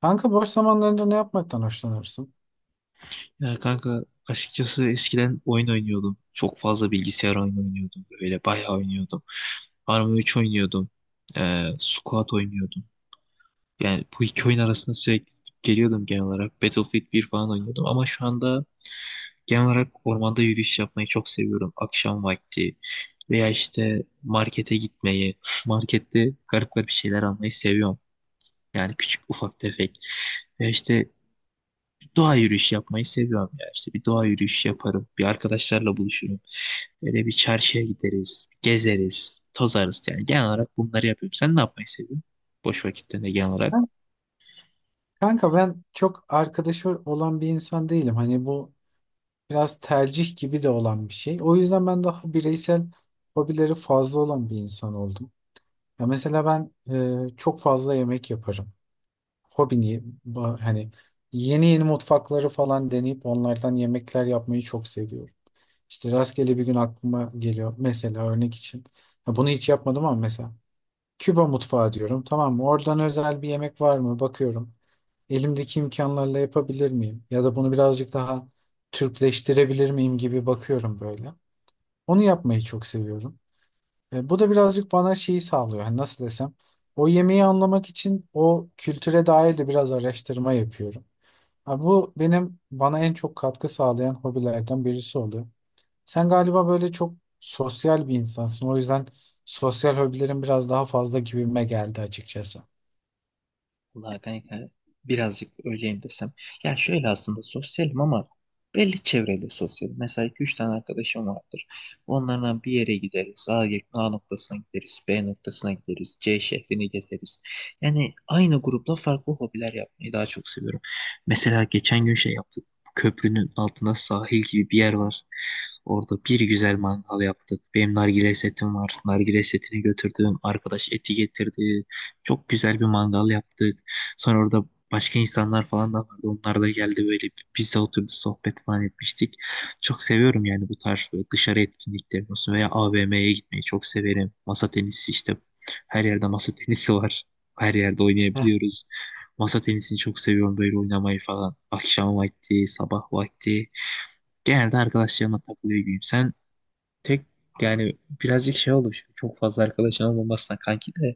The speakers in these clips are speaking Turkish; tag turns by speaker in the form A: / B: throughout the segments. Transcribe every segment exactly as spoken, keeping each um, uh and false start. A: Kanka boş zamanlarında ne yapmaktan hoşlanırsın?
B: Ya kanka, açıkçası eskiden oyun oynuyordum. Çok fazla bilgisayar oyunu oynuyordum. Böyle bayağı oynuyordum. Arma üç oynuyordum. Ee, Squat oynuyordum. Yani bu iki oyun arasında sürekli geliyordum genel olarak. Battlefield bir falan oynuyordum. Ama şu anda genel olarak ormanda yürüyüş yapmayı çok seviyorum. Akşam vakti veya işte markete gitmeyi, markette garip garip şeyler almayı seviyorum. Yani küçük ufak tefek. Ve işte bir doğa yürüyüşü yapmayı seviyorum ya. İşte bir doğa yürüyüşü yaparım. Bir arkadaşlarla buluşurum. Böyle bir çarşıya gideriz. Gezeriz. Tozarız yani. Genel olarak bunları yapıyorum. Sen ne yapmayı seviyorsun? Boş vakitlerinde genel olarak.
A: Ben- Kanka ben çok arkadaşı olan bir insan değilim. Hani bu biraz tercih gibi de olan bir şey. O yüzden ben daha bireysel hobileri fazla olan bir insan oldum. Ya mesela ben e, çok fazla yemek yaparım. Hobini ba- hani yeni yeni mutfakları falan deneyip onlardan yemekler yapmayı çok seviyorum. İşte rastgele bir gün aklıma geliyor mesela örnek için. Ya bunu hiç yapmadım ama mesela. Küba mutfağı diyorum, tamam mı? Oradan özel bir yemek var mı? Bakıyorum. Elimdeki imkanlarla yapabilir miyim? Ya da bunu birazcık daha Türkleştirebilir miyim gibi bakıyorum böyle. Onu yapmayı çok seviyorum. E, bu da birazcık bana şeyi sağlıyor. Hani nasıl desem? O yemeği anlamak için o kültüre dair de biraz araştırma yapıyorum. Ha, bu benim bana en çok katkı sağlayan hobilerden birisi oluyor. Sen galiba böyle çok sosyal bir insansın. O yüzden sosyal hobilerin biraz daha fazla gibime geldi açıkçası.
B: Vallahi kanka, birazcık öyleyim desem. Ya şöyle, aslında sosyalim ama belli çevreyle sosyalim. Mesela iki üç tane arkadaşım vardır. Onlardan bir yere gideriz. A, A noktasına gideriz. B noktasına gideriz. C şehrini gezeriz. Yani aynı grupla farklı hobiler yapmayı daha çok seviyorum. Mesela geçen gün şey yaptık. Köprünün altında sahil gibi bir yer var. Orada bir güzel mangal yaptık. Benim nargile setim var. Nargile setini götürdüm. Arkadaş eti getirdi. Çok güzel bir mangal yaptık. Sonra orada başka insanlar falan da vardı. Onlar da geldi, böyle biz de oturduk sohbet falan etmiştik. Çok seviyorum yani bu tarz böyle dışarı etkinlikleri olsun, veya A V M'ye gitmeyi çok severim. Masa tenisi işte her yerde masa tenisi var. Her yerde
A: Heh.
B: oynayabiliyoruz. Masa tenisini çok seviyorum, böyle oynamayı falan. Akşam vakti, sabah vakti. Genelde arkadaşlarımla takılıyor gibiyim. Sen tek, yani birazcık şey oldu. Şimdi, çok fazla arkadaşın olmamasına kanki de,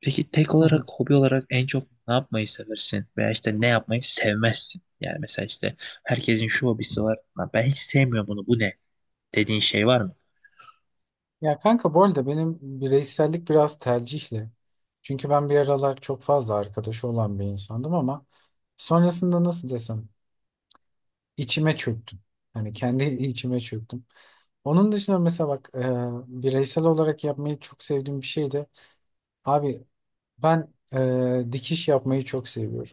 B: peki tek olarak, hobi olarak en çok ne yapmayı seversin? Veya işte ne yapmayı sevmezsin? Yani mesela işte herkesin şu hobisi var. "Lan, ben hiç sevmiyorum bunu. Bu ne?" dediğin şey var mı?
A: Ya kanka, bu arada benim bireysellik biraz tercihle. Çünkü ben bir aralar çok fazla arkadaşı olan bir insandım ama sonrasında nasıl desem içime çöktüm. Hani kendi içime çöktüm. Onun dışında mesela bak, e, bireysel olarak yapmayı çok sevdiğim bir şey de, abi, ben e, dikiş yapmayı çok seviyorum.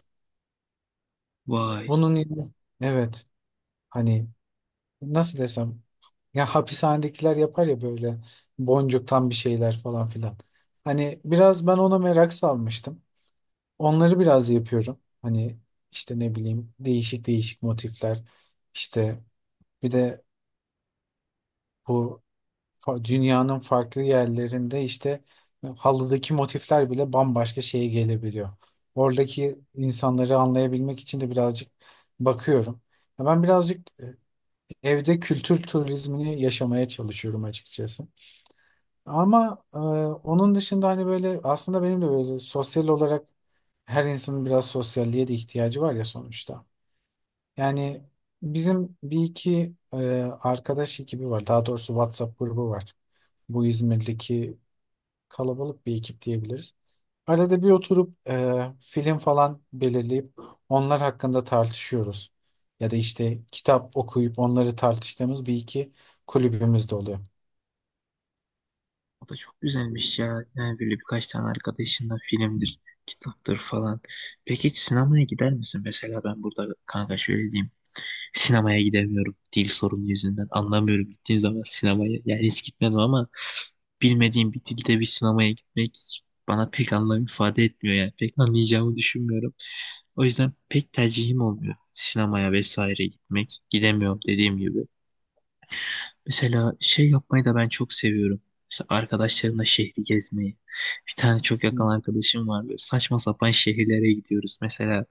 B: Vay.
A: Bunun yerine- evet, hani nasıl desem, ya hapishanedekiler yapar ya böyle, boncuktan bir şeyler falan filan. Hani biraz ben ona merak salmıştım. Onları biraz yapıyorum. Hani işte ne bileyim, değişik değişik motifler. İşte bir de bu fa- dünyanın farklı yerlerinde işte halıdaki motifler bile bambaşka şeye gelebiliyor. Oradaki insanları anlayabilmek için de birazcık bakıyorum. Ya ben birazcık e, evde kültür turizmini yaşamaya çalışıyorum açıkçası. Ama e, onun dışında hani böyle aslında benim de böyle sosyal olarak, her insanın biraz sosyalliğe de ihtiyacı var ya sonuçta. Yani bizim bir iki e, arkadaş ekibi var. Daha doğrusu WhatsApp grubu var. Bu İzmir'deki kalabalık bir ekip diyebiliriz. Arada bir oturup e, film falan belirleyip onlar hakkında tartışıyoruz. Ya da işte kitap okuyup onları tartıştığımız bir iki kulübümüz de oluyor.
B: O da çok güzelmiş ya. Yani böyle birkaç tane arkadaşınla filmdir, kitaptır falan. Peki hiç sinemaya gider misin? Mesela ben burada kanka şöyle diyeyim. Sinemaya gidemiyorum dil sorunu yüzünden. Anlamıyorum gittiğim zaman sinemaya. Yani hiç gitmedim ama bilmediğim bir dilde bir sinemaya gitmek bana pek anlam ifade etmiyor yani. Pek anlayacağımı düşünmüyorum. O yüzden pek tercihim olmuyor sinemaya vesaire gitmek. Gidemiyorum dediğim gibi. Mesela şey yapmayı da ben çok seviyorum. İşte arkadaşlarımla şehri gezmeyi. Bir tane çok yakın
A: Hı.
B: arkadaşım var. Böyle saçma sapan şehirlere gidiyoruz. Mesela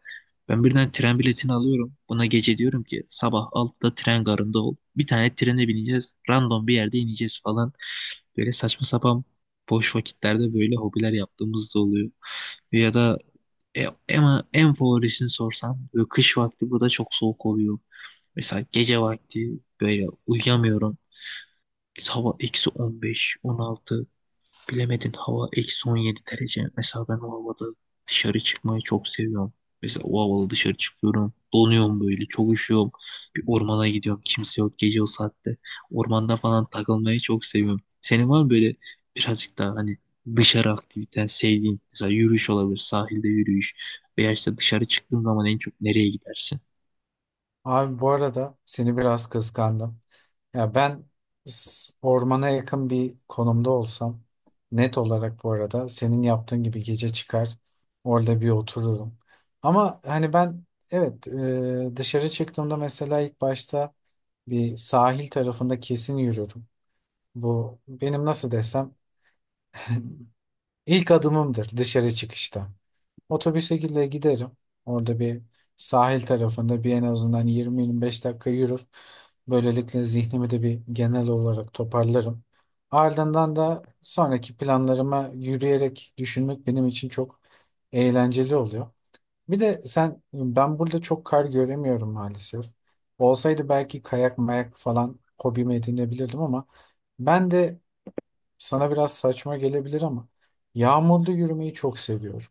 B: ben birden tren biletini alıyorum. Buna gece diyorum ki sabah altıda tren garında ol. Bir tane trene bineceğiz. Random bir yerde ineceğiz falan. Böyle saçma sapan boş vakitlerde böyle hobiler yaptığımız da oluyor. Ya da e, ama en favorisini sorsan, böyle kış vakti burada çok soğuk oluyor. Mesela gece vakti böyle uyuyamıyorum. Biz, hava eksi on beş on altı, bilemedin hava eksi on yedi derece. Mesela ben o havada dışarı çıkmayı çok seviyorum. Mesela o havada dışarı çıkıyorum. Donuyorum böyle, çok üşüyorum. Bir ormana gidiyorum, kimse yok gece o saatte. Ormanda falan takılmayı çok seviyorum. Senin var mı böyle birazcık daha hani dışarı aktiviten sevdiğin? Mesela yürüyüş olabilir, sahilde yürüyüş. Veya işte dışarı çıktığın zaman en çok nereye gidersin?
A: Abi, bu arada seni biraz kıskandım. Ya ben, s- ormana yakın bir konumda olsam net olarak bu arada senin yaptığın gibi gece çıkar orada bir otururum. Ama hani ben evet, e, dışarı çıktığımda mesela ilk başta bir sahil tarafında kesin yürürüm. Bu benim nasıl desem ilk adımımdır dışarı çıkışta. Otobüse gide- giderim. Orada bir sahil tarafında bir en azından yirmi yirmi beş dakika yürür. Böylelikle zihnimi de bir genel olarak toparlarım. Ardından da sonraki planlarıma yürüyerek düşünmek benim için çok eğlenceli oluyor. Bir de sen, ben burada çok kar göremiyorum maalesef. Olsaydı belki kayak mayak falan hobimi edinebilirdim ama ben de, sana biraz saçma gelebilir ama, yağmurda yürümeyi çok seviyorum.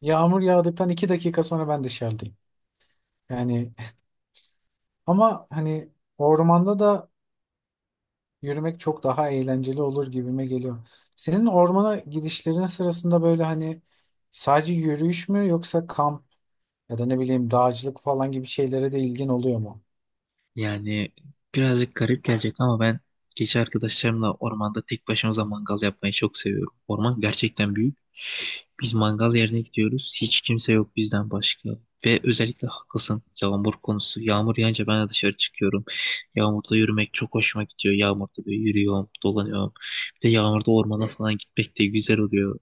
A: Yağmur yağdıktan iki dakika sonra ben dışarıdayım. Yani ama hani ormanda da yürümek çok daha eğlenceli olur gibime geliyor. Senin ormana gidişlerin sırasında böyle hani sadece yürüyüş mü yoksa kamp ya da ne bileyim dağcılık falan gibi şeylere de ilgin oluyor mu?
B: Yani birazcık garip gelecek ama ben gece arkadaşlarımla ormanda tek başımıza mangal yapmayı çok seviyorum. Orman gerçekten büyük. Biz mangal yerine gidiyoruz. Hiç kimse yok bizden başka. Ve özellikle haklısın yağmur konusu. Yağmur yağınca ben de dışarı çıkıyorum. Yağmurda yürümek çok hoşuma gidiyor. Yağmurda böyle yürüyorum, dolanıyorum. Bir de yağmurda ormana falan gitmek de güzel oluyor,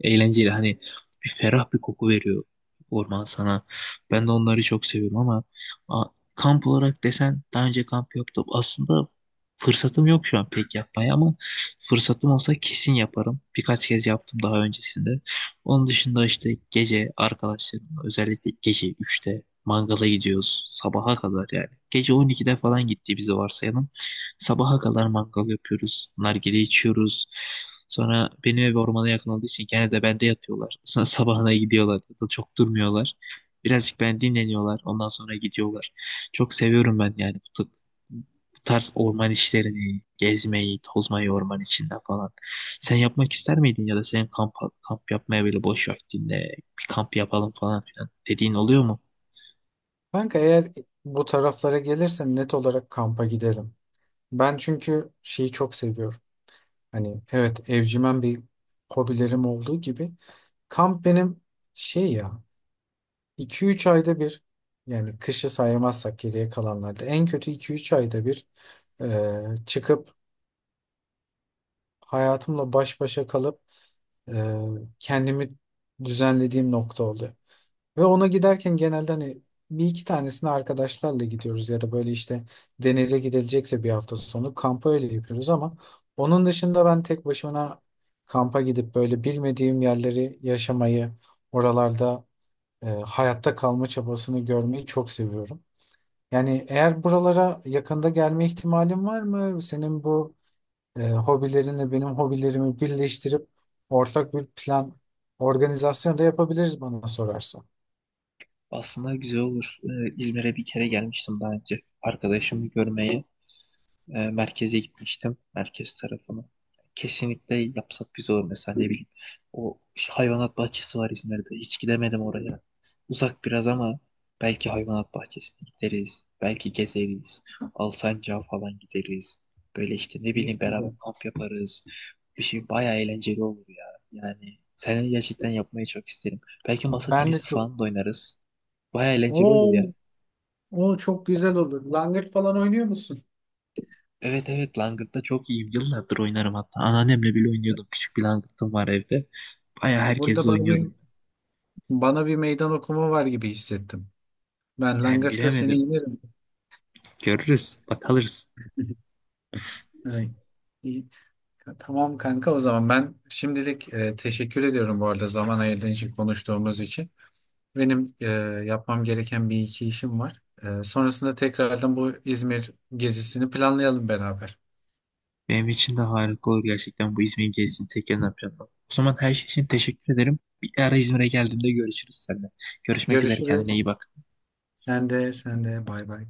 B: eğlenceli, hani bir ferah bir koku veriyor orman sana. Ben de onları çok seviyorum ama a- kamp olarak desen, daha önce kamp yaptım. Aslında fırsatım yok şu an pek yapmaya ama fırsatım olsa kesin yaparım. Birkaç kez yaptım daha öncesinde. Onun dışında işte gece arkadaşlarımla özellikle gece üçte mangala gidiyoruz, sabaha kadar yani. Gece on ikide falan gittiğimizi varsayalım. Sabaha kadar mangal yapıyoruz. Nargile içiyoruz. Sonra benim ev ormana yakın olduğu için gene de bende yatıyorlar. Sonra sabahına gidiyorlar. Ya da çok durmuyorlar. Birazcık ben dinleniyorlar. Ondan sonra gidiyorlar. Çok seviyorum ben yani bu, bu tarz orman işlerini, gezmeyi, tozmayı, orman içinde falan. Sen yapmak ister miydin, ya da senin kamp, kamp yapmaya, böyle boş vaktinde bir kamp yapalım falan filan dediğin oluyor mu?
A: Kanka eğer bu taraflara gelirsen net olarak kampa giderim. Ben çünkü şeyi çok seviyorum. Hani evet, evcimen bir hobilerim olduğu gibi kamp benim şey ya, iki üç ayda bir, yani kışı saymazsak geriye kalanlarda en kötü iki üç ayda bir e, çıkıp hayatımla baş başa kalıp e, kendimi düzenlediğim nokta oluyor. Ve ona giderken genelde hani bir iki tanesini arkadaşlarla gidiyoruz ya da böyle işte denize gidilecekse bir hafta sonu kampa öyle yapıyoruz ama onun dışında ben tek başıma kampa gidip böyle bilmediğim yerleri yaşamayı, oralarda e, hayatta kalma çabasını görmeyi çok seviyorum. Yani eğer buralara yakında gelme ihtimalin var mı? Senin bu e, hobilerinle benim hobilerimi birleştirip ortak bir plan, organizasyon da yapabiliriz bana sorarsan.
B: Aslında güzel olur. Ee, İzmir'e bir kere gelmiştim daha önce. Arkadaşımı görmeye. e, merkeze gitmiştim. Merkez tarafına. Kesinlikle yapsak güzel olur, mesela ne bileyim. O şu hayvanat bahçesi var İzmir'de. Hiç gidemedim oraya. Uzak biraz ama belki hayvanat bahçesine gideriz. Belki gezeriz. Alsancak'a falan gideriz. Böyle işte ne
A: Mis
B: bileyim, beraber
A: gibi.
B: kamp yaparız. Bir şey bayağı eğlenceli olur ya. Yani seni gerçekten yapmayı çok isterim. Belki masa
A: Ben de
B: tenisi
A: çok.
B: falan da oynarız. Bayağı eğlenceli olur
A: Oo,
B: ya.
A: o çok güzel olur. Langırt falan oynuyor musun?
B: Evet, evet, Langırt'ta çok iyiyim. Yıllardır oynarım hatta. Anneannemle bile oynuyordum. Küçük bir Langırt'ım var evde. Bayağı
A: Burada
B: herkesle
A: bana bir,
B: oynuyordum.
A: bana bir meydan okuma var gibi hissettim. Ben
B: Yani
A: Langırt'ta seni
B: bilemedim.
A: yenerim.
B: Görürüz. Bak, alırız.
A: Ay, iyi. Tamam kanka, o zaman ben şimdilik e, teşekkür ediyorum bu arada zaman ayırdığın için, konuştuğumuz için. Benim e, yapmam gereken bir iki işim var. E, sonrasında tekrardan bu İzmir gezisini planlayalım beraber.
B: Benim için de harika olur gerçekten, bu İzmir gezisini tekrar yapacağım. O zaman her şey için teşekkür ederim. Bir ara İzmir'e geldiğimde görüşürüz seninle. Görüşmek üzere, kendine
A: Görüşürüz.
B: iyi bak.
A: Sen de sen de bay bay.